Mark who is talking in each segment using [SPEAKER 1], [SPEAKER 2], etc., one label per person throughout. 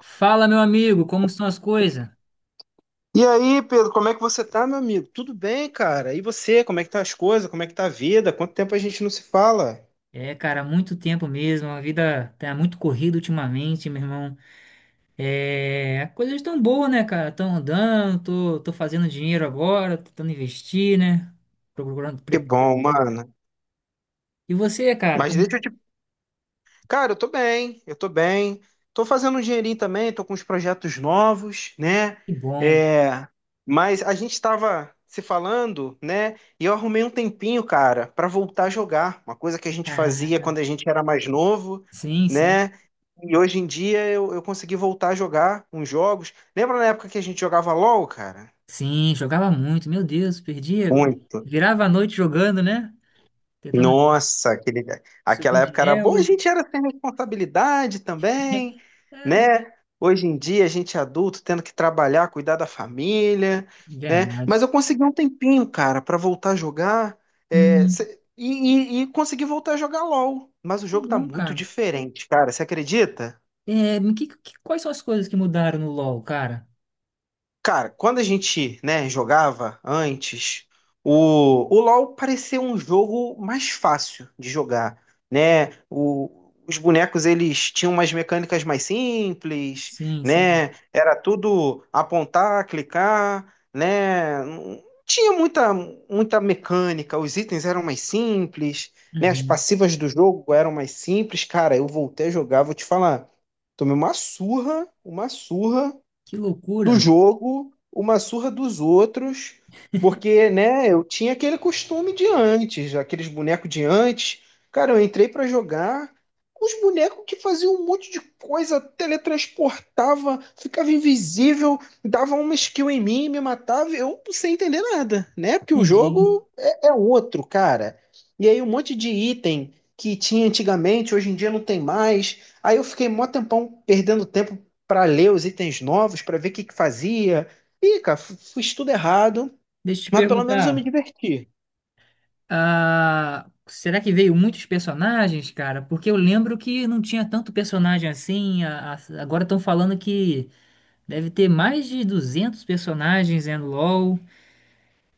[SPEAKER 1] Fala, meu amigo, como estão as coisas?
[SPEAKER 2] E aí, Pedro, como é que você tá, meu amigo? Tudo bem, cara? E você, como é que tá as coisas? Como é que tá a vida? Quanto tempo a gente não se fala?
[SPEAKER 1] É, cara, muito tempo mesmo, a vida tá muito corrida ultimamente, meu irmão. É, as coisas estão boas, né, cara? Estão andando, tô fazendo dinheiro agora, tô tentando investir, né? Procurando.
[SPEAKER 2] Que bom, mano.
[SPEAKER 1] E você, cara,
[SPEAKER 2] Mas
[SPEAKER 1] como.
[SPEAKER 2] deixa eu Cara, eu tô bem, eu tô bem. Tô fazendo um dinheirinho também, tô com uns projetos novos, né?
[SPEAKER 1] Que bom.
[SPEAKER 2] É, mas a gente tava se falando, né? E eu arrumei um tempinho, cara, pra voltar a jogar, uma coisa que a gente fazia
[SPEAKER 1] Caraca.
[SPEAKER 2] quando a gente era mais novo,
[SPEAKER 1] Sim, sim.
[SPEAKER 2] né? E hoje em dia eu consegui voltar a jogar uns jogos. Lembra na época que a gente jogava LOL, cara?
[SPEAKER 1] Sim, jogava muito, meu Deus, perdia.
[SPEAKER 2] Muito.
[SPEAKER 1] Virava a noite jogando, né? Tentando
[SPEAKER 2] Nossa, aquela
[SPEAKER 1] subir de
[SPEAKER 2] época era boa, a
[SPEAKER 1] elo.
[SPEAKER 2] gente era sem responsabilidade também,
[SPEAKER 1] É,
[SPEAKER 2] né? Hoje em dia, a gente é adulto, tendo que trabalhar, cuidar da família, né?
[SPEAKER 1] verdade.
[SPEAKER 2] Mas eu consegui um tempinho, cara, pra voltar a jogar,
[SPEAKER 1] Uhum.
[SPEAKER 2] e consegui voltar a jogar LOL. Mas o
[SPEAKER 1] Que
[SPEAKER 2] jogo tá
[SPEAKER 1] bom,
[SPEAKER 2] muito
[SPEAKER 1] cara.
[SPEAKER 2] diferente, cara, você acredita?
[SPEAKER 1] É, quais são as coisas que mudaram no LoL, cara?
[SPEAKER 2] Cara, quando a gente, né, jogava antes, o, o LoL parecia um jogo mais fácil de jogar, né? Os bonecos, eles tinham umas mecânicas mais simples,
[SPEAKER 1] Sim, sim.
[SPEAKER 2] né? Era tudo apontar, clicar, né? Não tinha muita mecânica, os itens eram mais simples, né? As
[SPEAKER 1] Uhum.
[SPEAKER 2] passivas do jogo eram mais simples. Cara, eu voltei a jogar, vou te falar, tomei uma surra
[SPEAKER 1] Que
[SPEAKER 2] do
[SPEAKER 1] loucura.
[SPEAKER 2] jogo, uma surra dos outros, porque, né, eu tinha aquele costume de antes, aqueles bonecos de antes. Cara, eu entrei pra jogar com os bonecos que faziam um monte de coisa, teletransportava, ficava invisível, dava uma skill em mim, me matava, eu sem entender nada, né? Porque o
[SPEAKER 1] Entendi.
[SPEAKER 2] jogo é outro, cara. E aí um monte de item que tinha antigamente, hoje em dia não tem mais. Aí eu fiquei mó tempão perdendo tempo para ler os itens novos, para ver o que que fazia. Ih, cara, fiz tudo errado,
[SPEAKER 1] Deixa eu te
[SPEAKER 2] mas pelo menos eu me
[SPEAKER 1] perguntar.
[SPEAKER 2] diverti.
[SPEAKER 1] Ah, será que veio muitos personagens, cara? Porque eu lembro que não tinha tanto personagem assim. Agora estão falando que deve ter mais de 200 personagens, né, no LoL.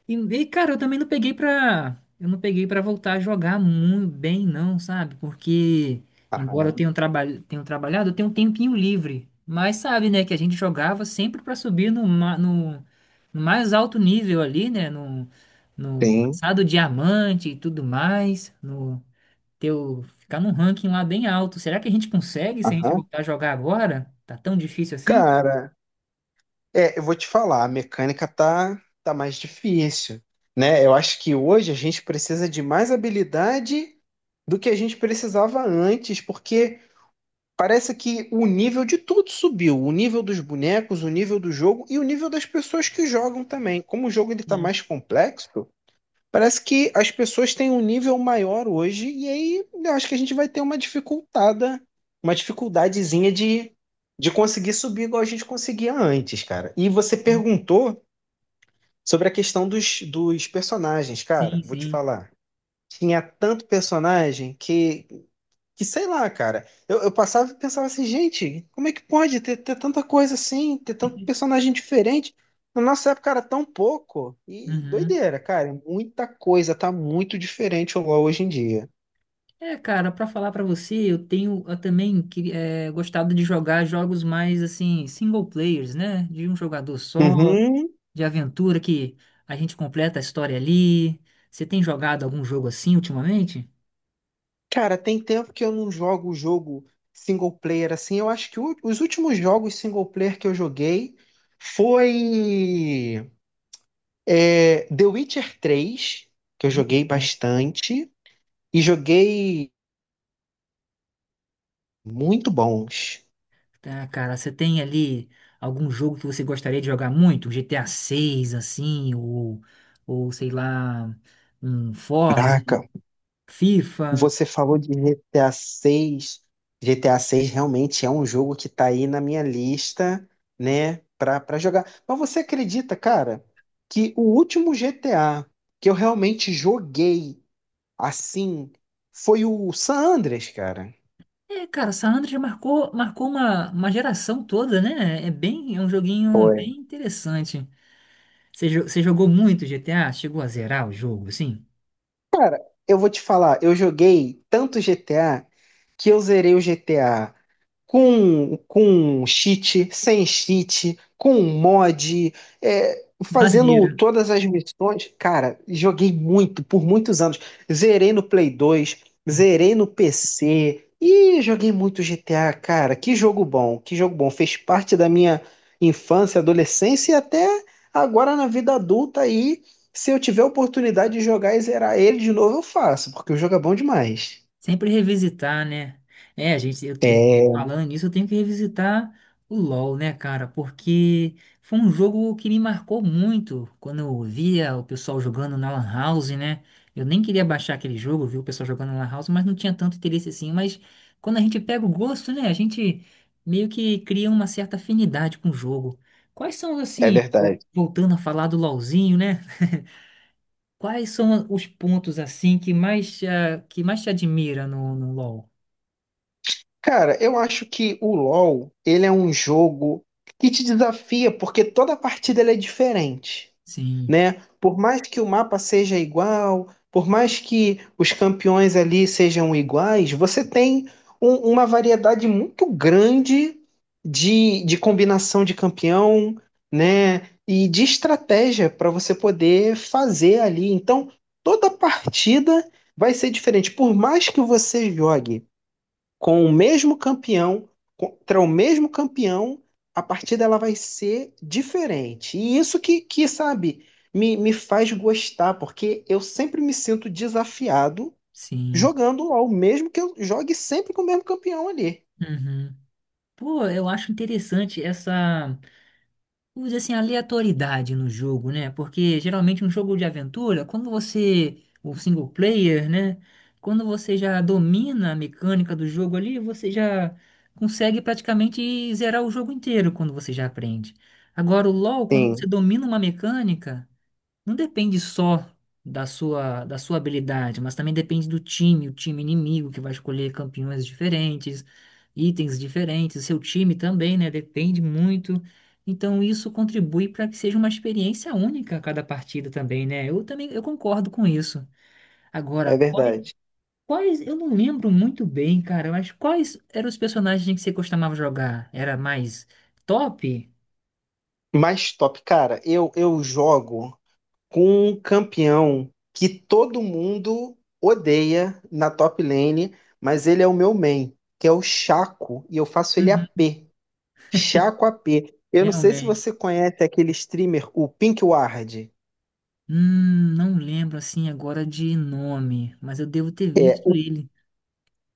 [SPEAKER 1] E, cara, eu também não peguei pra. Eu não peguei pra voltar a jogar muito bem, não, sabe? Porque, embora eu
[SPEAKER 2] Aham,
[SPEAKER 1] tenha, tenha trabalhado, eu tenho um tempinho livre. Mas sabe, né, que a gente jogava sempre pra subir no mais alto nível ali, né? No, no
[SPEAKER 2] sim.
[SPEAKER 1] passado diamante e tudo mais. No teu, ficar num ranking lá bem alto. Será que a gente consegue se a gente
[SPEAKER 2] Aham.
[SPEAKER 1] voltar a jogar agora? Tá tão difícil assim?
[SPEAKER 2] Cara, é, eu vou te falar, a mecânica tá mais difícil, né? Eu acho que hoje a gente precisa de mais habilidade do que a gente precisava antes, porque parece que o nível de tudo subiu, o nível dos bonecos, o nível do jogo e o nível das pessoas que jogam também. Como o jogo ele tá
[SPEAKER 1] Sim,
[SPEAKER 2] mais complexo, parece que as pessoas têm um nível maior hoje, e aí eu acho que a gente vai ter uma dificultada, uma dificuldadezinha de conseguir subir igual a gente conseguia antes, cara. E você
[SPEAKER 1] sim,
[SPEAKER 2] perguntou sobre a questão dos personagens,
[SPEAKER 1] sim,
[SPEAKER 2] cara. Vou te
[SPEAKER 1] sim.
[SPEAKER 2] falar. Tinha tanto personagem que sei lá, cara. Eu passava e pensava assim, gente, como é que pode ter tanta coisa assim, ter tanto personagem diferente? Na nossa época era tão pouco. E
[SPEAKER 1] Uhum.
[SPEAKER 2] doideira, cara. Muita coisa, tá muito diferente o LoL hoje em dia.
[SPEAKER 1] É, cara, pra falar pra você, eu tenho eu também gostado de jogar jogos mais assim, single players, né? De um jogador só,
[SPEAKER 2] Uhum.
[SPEAKER 1] de aventura que a gente completa a história ali. Você tem jogado algum jogo assim ultimamente?
[SPEAKER 2] Cara, tem tempo que eu não jogo jogo single player assim. Eu acho que os últimos jogos single player que eu joguei foi é, The Witcher 3, que eu
[SPEAKER 1] Muito
[SPEAKER 2] joguei
[SPEAKER 1] bom.
[SPEAKER 2] bastante, e joguei muito bons.
[SPEAKER 1] Tá, cara, você tem ali algum jogo que você gostaria de jogar muito? GTA 6, assim, ou, sei lá, um Forza,
[SPEAKER 2] Caraca,
[SPEAKER 1] FIFA?
[SPEAKER 2] você falou de GTA 6. GTA 6 realmente é um jogo que tá aí na minha lista, né, pra jogar. Mas você acredita, cara, que o último GTA que eu realmente joguei assim foi o San Andreas, cara?
[SPEAKER 1] É, cara, San Andreas marcou, marcou uma geração toda, né? É um joguinho
[SPEAKER 2] Foi.
[SPEAKER 1] bem interessante. Você, você jogou muito GTA? Chegou a zerar o jogo, assim?
[SPEAKER 2] Cara, eu vou te falar, eu joguei tanto GTA que eu zerei o GTA com cheat, sem cheat, com mod, é, fazendo
[SPEAKER 1] Maneiro.
[SPEAKER 2] todas as missões. Cara, joguei muito, por muitos anos. Zerei no Play dois, zerei no PC e joguei muito GTA, cara. Que jogo bom, que jogo bom. Fez parte da minha infância, adolescência e até agora na vida adulta aí se eu tiver a oportunidade de jogar e zerar ele de novo, eu faço, porque o jogo é bom demais.
[SPEAKER 1] Sempre revisitar, né? É, a gente,
[SPEAKER 2] É,
[SPEAKER 1] falando nisso, eu tenho que revisitar o LoL, né, cara? Porque foi um jogo que me marcou muito quando eu via o pessoal jogando na Lan House, né? Eu nem queria baixar aquele jogo, viu o pessoal jogando na Lan House, mas não tinha tanto interesse assim. Mas quando a gente pega o gosto, né, a gente meio que cria uma certa afinidade com o jogo. Quais são,
[SPEAKER 2] é
[SPEAKER 1] assim,
[SPEAKER 2] verdade.
[SPEAKER 1] voltando a falar do LoLzinho, né? Quais são os pontos, assim, que mais te admira no LoL?
[SPEAKER 2] Cara, eu acho que o LoL, ele é um jogo que te desafia, porque toda partida ele é diferente.
[SPEAKER 1] Sim,
[SPEAKER 2] Né? Por mais que o mapa seja igual, por mais que os campeões ali sejam iguais, você tem uma variedade muito grande de combinação de campeão, né? E de estratégia para você poder fazer ali. Então, toda partida vai ser diferente. Por mais que você jogue com o mesmo campeão, contra o mesmo campeão, a partida ela vai ser diferente. E isso que sabe, me faz gostar, porque eu sempre me sinto desafiado
[SPEAKER 1] sim.
[SPEAKER 2] jogando LOL, mesmo que eu jogue sempre com o mesmo campeão ali.
[SPEAKER 1] Uhum. Pô, eu acho interessante essa, vamos dizer assim, aleatoriedade no jogo, né? Porque geralmente um jogo de aventura, quando você, o single player, né? Quando você já domina a mecânica do jogo ali, você já consegue praticamente zerar o jogo inteiro quando você já aprende. Agora, o LoL, quando você
[SPEAKER 2] Sim,
[SPEAKER 1] domina uma mecânica. Não depende só da sua habilidade, mas também depende do time, o time inimigo que vai escolher campeões diferentes, itens diferentes, seu time também, né? Depende muito. Então isso contribui para que seja uma experiência única a cada partida também, né? Eu também eu concordo com isso. Agora,
[SPEAKER 2] é
[SPEAKER 1] quais,
[SPEAKER 2] verdade.
[SPEAKER 1] quais eu não lembro muito bem, cara, mas quais eram os personagens que você costumava jogar? Era mais top?
[SPEAKER 2] Mas top, cara, eu jogo com um campeão que todo mundo odeia na top lane, mas ele é o meu main, que é o Chaco, e eu faço ele a
[SPEAKER 1] Uhum.
[SPEAKER 2] p Chacoapé. Eu não sei se
[SPEAKER 1] Realmente.
[SPEAKER 2] você conhece aquele streamer, o Pink Ward.
[SPEAKER 1] Não lembro assim agora de nome, mas eu devo ter
[SPEAKER 2] É,
[SPEAKER 1] visto
[SPEAKER 2] o,
[SPEAKER 1] ele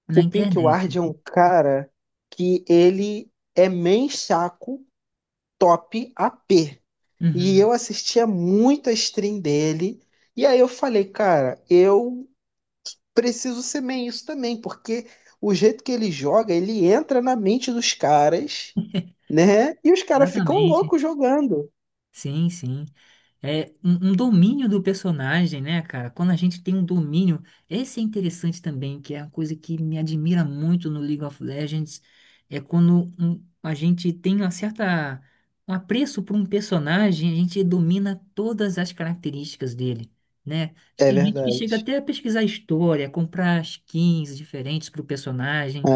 [SPEAKER 1] na
[SPEAKER 2] o Pink Ward
[SPEAKER 1] internet.
[SPEAKER 2] é um cara que ele é main chaco top AP. E
[SPEAKER 1] Uhum,
[SPEAKER 2] eu assistia muito a stream dele. E aí eu falei, cara, eu preciso ser main isso também, porque o jeito que ele joga, ele entra na mente dos caras, né? E os caras ficam
[SPEAKER 1] exatamente.
[SPEAKER 2] loucos jogando.
[SPEAKER 1] Sim, sim. É um domínio do personagem, né, cara? Quando a gente tem um domínio, esse é interessante também, que é uma coisa que me admira muito no League of Legends, é quando a gente tem uma certa, um apreço por um personagem, a gente domina todas as características dele, né?
[SPEAKER 2] É
[SPEAKER 1] Tem gente que chega
[SPEAKER 2] verdade.
[SPEAKER 1] até a pesquisar história, comprar skins diferentes para o personagem.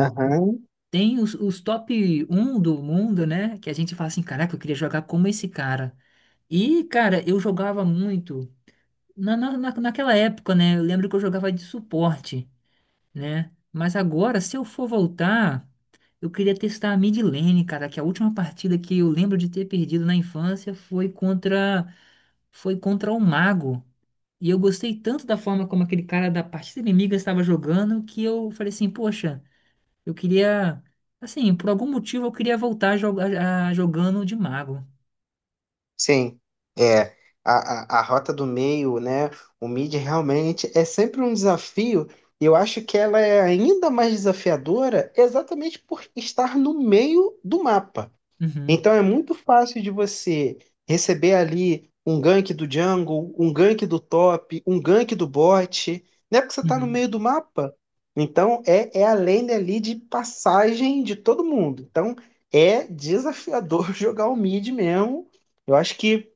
[SPEAKER 1] Tem os top um do mundo, né? Que a gente fala assim, caraca, eu queria jogar como esse cara. E, cara, eu jogava muito naquela época, né? Eu lembro que eu jogava de suporte, né? Mas agora, se eu for voltar, eu queria testar a mid lane, cara, que a última partida que eu lembro de ter perdido na infância foi contra o mago. E eu gostei tanto da forma como aquele cara da partida inimiga estava jogando que eu falei assim, poxa, eu queria assim, por algum motivo eu queria voltar a jogar jogando de mago.
[SPEAKER 2] Sim, é. A rota do meio, né? O mid realmente é sempre um desafio. E eu acho que ela é ainda mais desafiadora exatamente por estar no meio do mapa.
[SPEAKER 1] Uhum,
[SPEAKER 2] Então é muito fácil de você receber ali um gank do jungle, um gank do top, um gank do bot, né? Porque você está no
[SPEAKER 1] uhum,
[SPEAKER 2] meio do mapa. Então é a lane ali de passagem de todo mundo. Então é desafiador jogar o mid mesmo. Eu acho que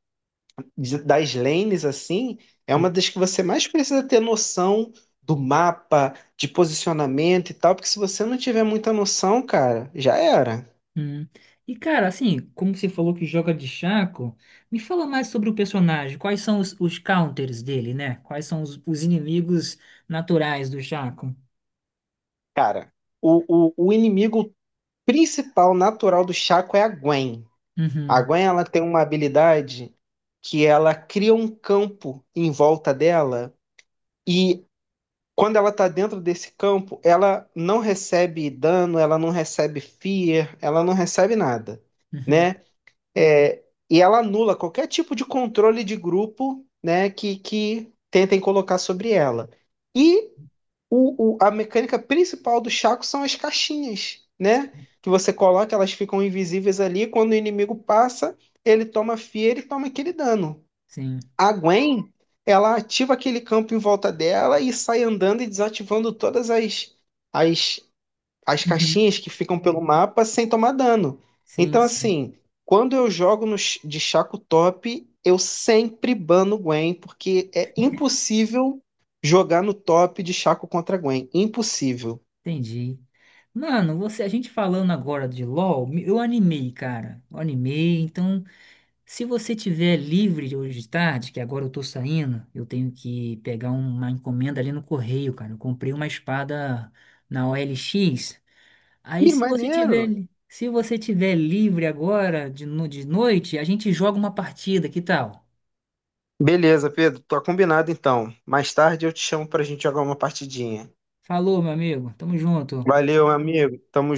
[SPEAKER 2] das lanes assim, é uma das que você mais precisa ter noção do mapa, de posicionamento e tal, porque se você não tiver muita noção, cara, já era.
[SPEAKER 1] hum. E cara, assim, como você falou que joga de Shaco, me fala mais sobre o personagem. Quais são os counters dele, né? Quais são os inimigos naturais do Shaco?
[SPEAKER 2] Cara, o inimigo principal natural do Chaco é a Gwen. A
[SPEAKER 1] Uhum,
[SPEAKER 2] Gwen ela tem uma habilidade que ela cria um campo em volta dela e quando ela tá dentro desse campo, ela não recebe dano, ela não recebe fear, ela não recebe nada,
[SPEAKER 1] uhum,
[SPEAKER 2] né? É, e ela anula qualquer tipo de controle de grupo, né, que tentem colocar sobre ela. E a mecânica principal do Chaco são as caixinhas, né? Que você coloca, elas ficam invisíveis ali. Quando o inimigo passa, ele toma fia, e toma aquele dano.
[SPEAKER 1] sim.
[SPEAKER 2] A Gwen, ela ativa aquele campo em volta dela e sai andando e desativando todas as as
[SPEAKER 1] Uhum,
[SPEAKER 2] caixinhas que ficam pelo mapa sem tomar dano.
[SPEAKER 1] sim,
[SPEAKER 2] Então,
[SPEAKER 1] sim.
[SPEAKER 2] assim, quando eu jogo no, de Chaco top, eu sempre bano Gwen, porque é impossível jogar no top de Chaco contra Gwen. Impossível.
[SPEAKER 1] Entendi. Mano, você, a gente falando agora de LoL, eu animei, cara. Eu animei, então. Se você tiver livre hoje de tarde, que agora eu tô saindo, eu tenho que pegar uma encomenda ali no correio, cara. Eu comprei uma espada na OLX. Aí
[SPEAKER 2] Ih,
[SPEAKER 1] se você
[SPEAKER 2] maneiro.
[SPEAKER 1] tiver, se você tiver livre agora de, de noite, a gente joga uma partida, que tal?
[SPEAKER 2] Beleza, Pedro, tá combinado então. Mais tarde eu te chamo pra gente jogar uma partidinha.
[SPEAKER 1] Falou, meu amigo. Tamo junto.
[SPEAKER 2] Valeu, amigo. Tamo